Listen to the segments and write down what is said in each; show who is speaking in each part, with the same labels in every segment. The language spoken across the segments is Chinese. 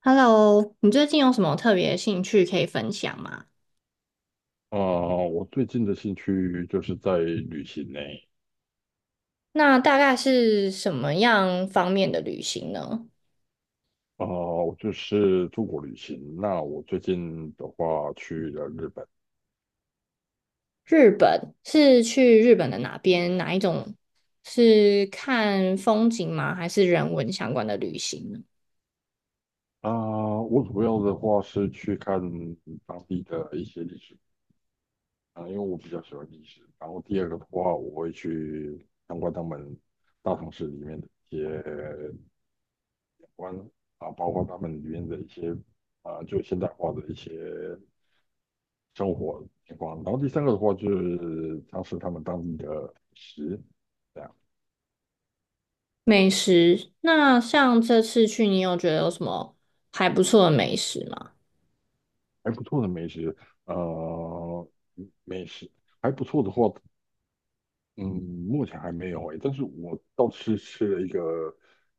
Speaker 1: Hello，你最近有什么特别兴趣可以分享吗？
Speaker 2: 我最近的兴趣就是在旅行呢。
Speaker 1: 那大概是什么样方面的旅行呢？
Speaker 2: 我就是出国旅行。那我最近的话去了日本。
Speaker 1: 日本是去日本的哪边？哪一种是看风景吗？还是人文相关的旅行呢？
Speaker 2: 啊、我主要的话是去看当地的一些历史。因为我比较喜欢历史。然后第二个的话，我会去参观他们大城市里面的一些景观，啊，包括他们里面的一些就现代化的一些生活情况。然后第三个的话就是尝试他们当地的美食，这样。
Speaker 1: 美食，那像这次去，你有觉得有什么还不错的美食吗？
Speaker 2: 还不错的美食，呃，美食还不错的话，嗯，目前还没有诶，但是我倒是吃了一个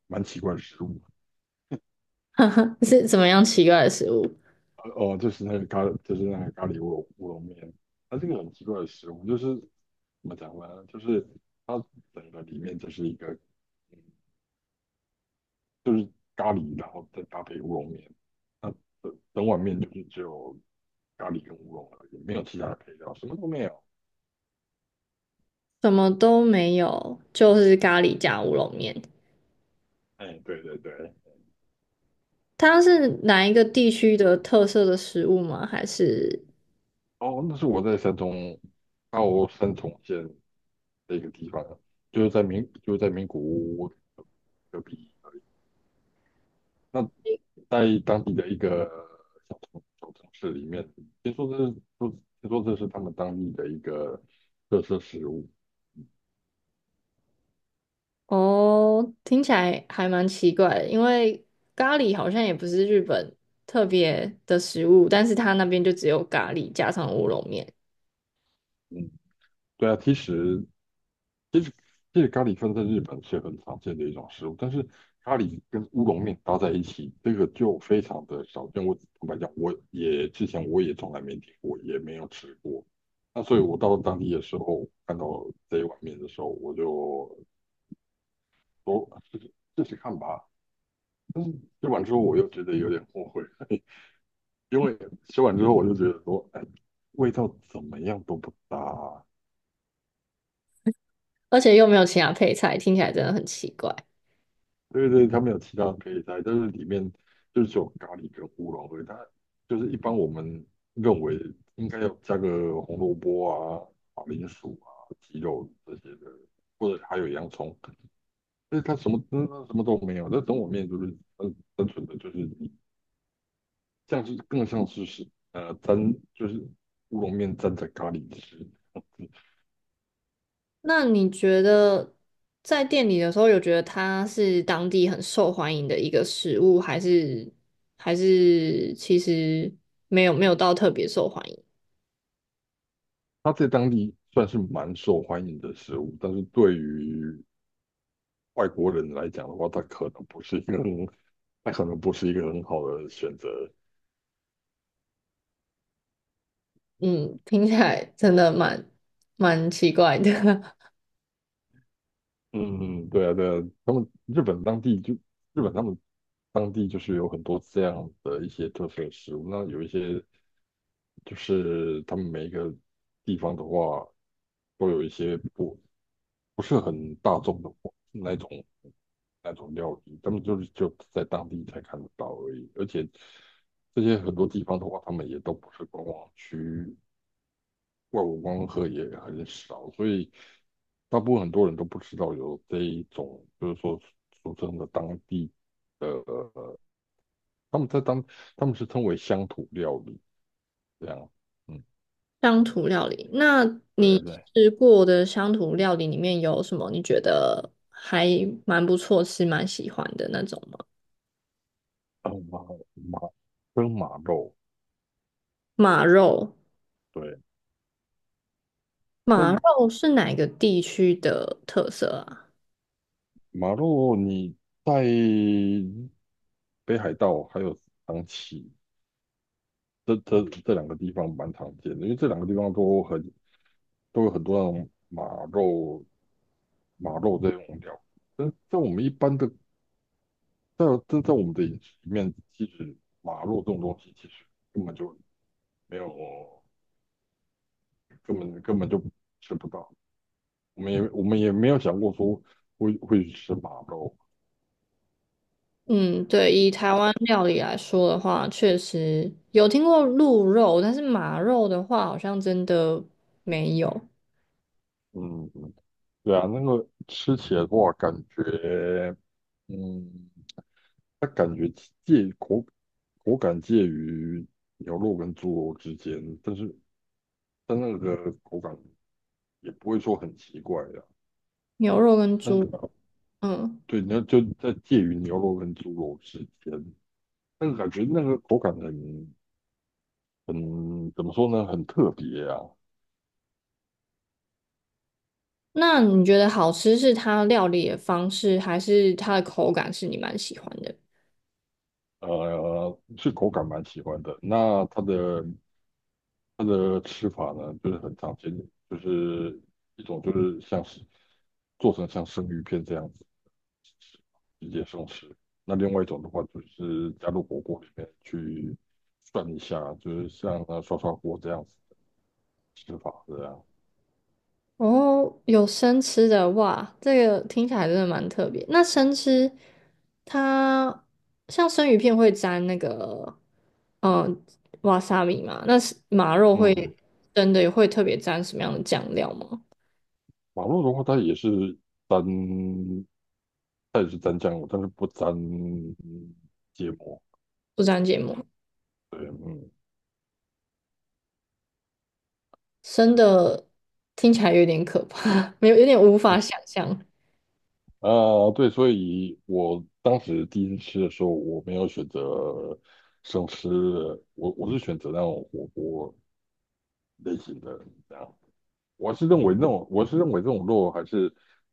Speaker 2: 蛮奇怪的食物。
Speaker 1: 是怎么样奇怪的食物？
Speaker 2: 就是那个咖喱乌龙面。它这个很奇怪的食物，就是怎么讲呢？就是它整个里面就是一个，嗯，就是咖喱，然后再搭配乌龙面。那整整碗面就是只有咖喱跟乌龙而已，没有其他的配料，什么都没有。
Speaker 1: 什么都没有，就是咖喱加乌龙面。
Speaker 2: 哎，对对对。
Speaker 1: 它是哪一个地区的特色的食物吗？还是
Speaker 2: 哦，那是我在山东，澳三重县的一个地方，就是在名古屋隔壁。那在当地的一个小城市里面，听说这是说听说这是他们当地的一个特色食物。
Speaker 1: 哦，听起来还蛮奇怪的，因为咖喱好像也不是日本特别的食物，但是它那边就只有咖喱加上乌龙面，
Speaker 2: 嗯，对啊，其实其实咖喱饭在日本是很常见的一种食物，但是咖喱跟乌龙面搭在一起，这个就非常的少见。我坦白讲，我也从来没听过，也没有吃过。那所以，我到当地的时候，看到这一碗面的时候，我就说试试看吧。但是吃完之后，我又觉得有点后悔，因为吃完之后我就觉得说，哎，味道怎么样都不搭。
Speaker 1: 而且又没有其他配菜，听起来真的很奇怪。
Speaker 2: 对对，他们有其他可以菜，但是里面就是只有咖喱跟胡萝卜。以它就是一般我们认为应该要加个红萝卜啊、马铃薯啊、鸡肉这些的，或者还有洋葱。但是它什么都没有。那整碗面就是单纯的就是你更像是呃沾就是乌龙面沾着咖喱吃。
Speaker 1: 那你觉得在店里的时候，有觉得它是当地很受欢迎的一个食物，还是还是其实没有到特别受欢迎？
Speaker 2: 它在当地算是蛮受欢迎的食物，但是对于外国人来讲的话，他可能不是一个很，他可能不是一个很好的选择。
Speaker 1: 嗯，听起来真的蛮奇怪的。
Speaker 2: 嗯，对啊，对啊，他们日本当地就日本他们当地就是有很多这样的一些特色食物。那有一些就是他们每一个地方的话，都有一些不是很大众的那种那种料理，他们就是就在当地才看得到而已。而且这些很多地方的话，他们也都不是观光区，外国观光客也很少，所以大部分很多人都不知道有这一种，就是说俗称的当地的，他们在当他们是称为乡土料理这样，嗯，
Speaker 1: 乡土料理，那你
Speaker 2: 对对。
Speaker 1: 吃过的乡土料理里面有什么你觉得还蛮不错是蛮喜欢的那种吗？
Speaker 2: 啊马马蒸马肉。
Speaker 1: 马肉，
Speaker 2: 对。
Speaker 1: 马
Speaker 2: 在
Speaker 1: 肉是哪个地区的特色啊？
Speaker 2: 马肉你在北海道还有长崎这两个地方蛮常见的，因为这两个地方都有很多那种马肉，马肉这种料理。但在我们一般的，在我们的饮食里面，其实马肉这种东西其实根本就没有，根本就吃不到。我们也没有想过说会去吃马肉。
Speaker 1: 嗯，对，以台湾料理来说的话，确实有听过鹿肉，但是马肉的话，好像真的没有。
Speaker 2: 嗯，对啊，那个吃起来的话，感觉，嗯，它感觉介口口感介于牛肉跟猪肉之间，但是但那个口感也不会说很奇怪呀。
Speaker 1: 牛肉跟
Speaker 2: 但
Speaker 1: 猪
Speaker 2: 是
Speaker 1: 肉，嗯。
Speaker 2: 对，那就在介于牛肉跟猪肉之间，那个感觉，那个口感很怎么说呢？很特别啊。
Speaker 1: 那你觉得好吃是它料理的方式，还是它的口感是你蛮喜欢的？
Speaker 2: 是口感蛮喜欢的。那它的它的吃法呢，就是很常见，就是一种就是像是做成像生鱼片这样子直接生吃，那另外一种的话就是加入火锅里面去涮一下，就是像涮涮锅这样子吃法这样。
Speaker 1: 哦，有生吃的哇，这个听起来真的蛮特别。那生吃它像生鱼片会沾那个嗯瓦萨比嘛？那是马肉
Speaker 2: 嗯
Speaker 1: 会
Speaker 2: 嗯。
Speaker 1: 真的会特别沾什么样的酱料吗？
Speaker 2: 马肉的话，沾，它也是沾酱油，但是不沾芥末。
Speaker 1: 不沾芥末，
Speaker 2: 对，嗯。
Speaker 1: 生的听起来有点可怕，没有有点无法想象。
Speaker 2: 对，所以我当时第一次吃的时候，我没有选择生吃的，我是选择那种火锅类型的，这样。我是认为这种肉还是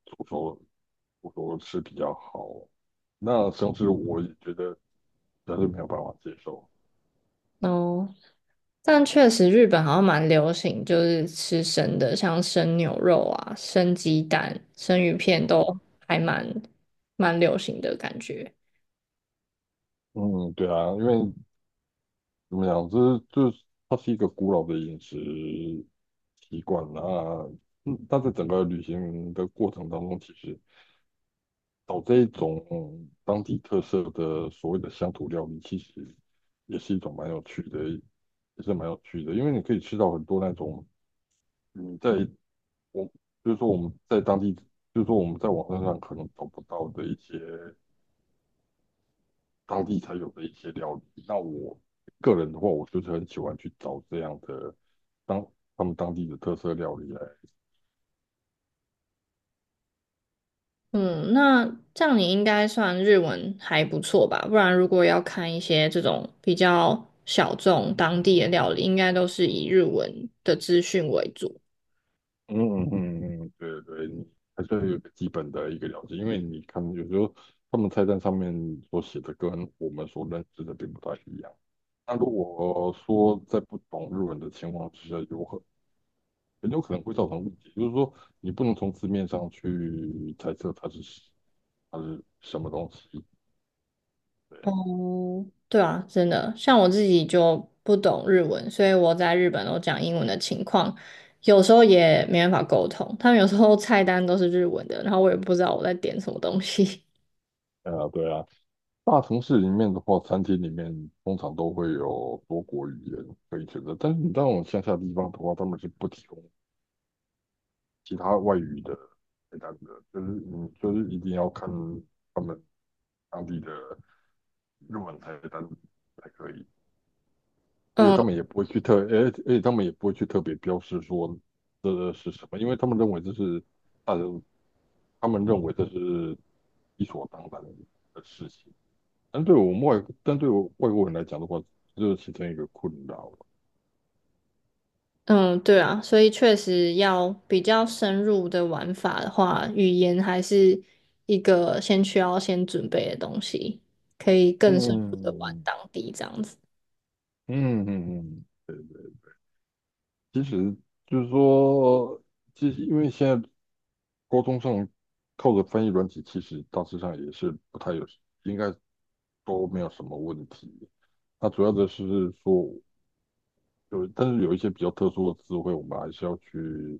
Speaker 2: 煮熟煮熟吃比较好。那生吃我也觉得实在是没有办法接受。
Speaker 1: 哦，但确实日本好像蛮流行，就是吃生的，像生牛肉啊、生鸡蛋、生鱼片都还蛮流行的感觉。
Speaker 2: 嗯，对啊，因为怎么样？这就是它是一个古老的饮食习惯。那嗯，但在整个旅行的过程当中，其实找这一种当地特色的所谓的乡土料理，其实也是一种蛮有趣的，也是蛮有趣的，因为你可以吃到很多那种嗯，我就是说我们在当地，就是说我们在网站上可能找不到的一些当地才有的一些料理。那我个人的话，我就是很喜欢去找这样的。当他们当地的特色料理来。
Speaker 1: 嗯，那这样你应该算日文还不错吧？不然如果要看一些这种比较小众当地的料理，应该都是以日文的资讯为主。
Speaker 2: 嗯，对对，你还是要有个基本的一个了解，因为你看有时候他们菜单上面所写的跟我们所认知的并不太一样。那如果说在不懂日文的情况之下，很有可能会造成误解，就是说你不能从字面上去猜测它是什么东西。
Speaker 1: 哦，对啊，真的，像我自己就不懂日文，所以我在日本都讲英文的情况，有时候也没办法沟通。他们有时候菜单都是日文的，然后我也不知道我在点什么东西。
Speaker 2: 对啊，对啊。对啊，大城市里面的话，餐厅里面通常都会有多国语言可以选择，但是你到往乡下地方的话，他们是不提供其他外语的菜单的，就是你就是一定要看他们当地的日文菜单才可以。
Speaker 1: 嗯
Speaker 2: 而且他们也不会去特别标示说这是什么，因为他们认为这是大人，他们认为这是理所当然的事情。但对我外国人来讲的话，这就是其中一个困扰。
Speaker 1: 嗯，对啊，所以确实要比较深入的玩法的话，语言还是一个需要先准备的东西，可以更深入的玩
Speaker 2: 嗯
Speaker 1: 当地这样子。
Speaker 2: 嗯，对对，其实就是说，其实因为现在沟通上靠着翻译软体，其实大致上也是不太有，应该都没有什么问题。那主要的是说，但是有一些比较特殊的词汇，我们还是要去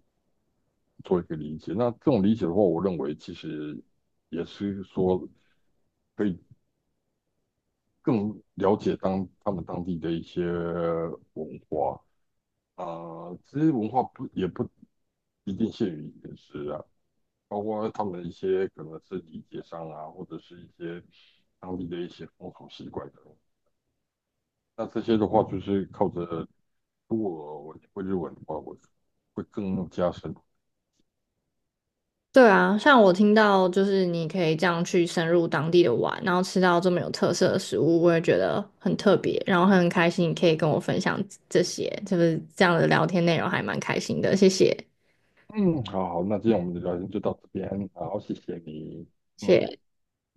Speaker 2: 做一个理解。那这种理解的话，我认为其实也是说可以更了解他们当地的一些文化。其实文化不也不一定限于饮食啊，包括他们一些可能是礼节上啊，或者是一些当地的一些风俗习惯等。那这些的话，就是靠着如果我会日文的话，我会更加深。
Speaker 1: 对啊，像我听到就是你可以这样去深入当地的玩，然后吃到这么有特色的食物，我也觉得很特别，然后很开心你可以跟我分享这些，就是这样的聊天内容还蛮开心的，谢谢，
Speaker 2: 嗯，好好，那今天我们的聊天就到这边，好，谢谢你。
Speaker 1: 谢
Speaker 2: 嗯。
Speaker 1: 谢。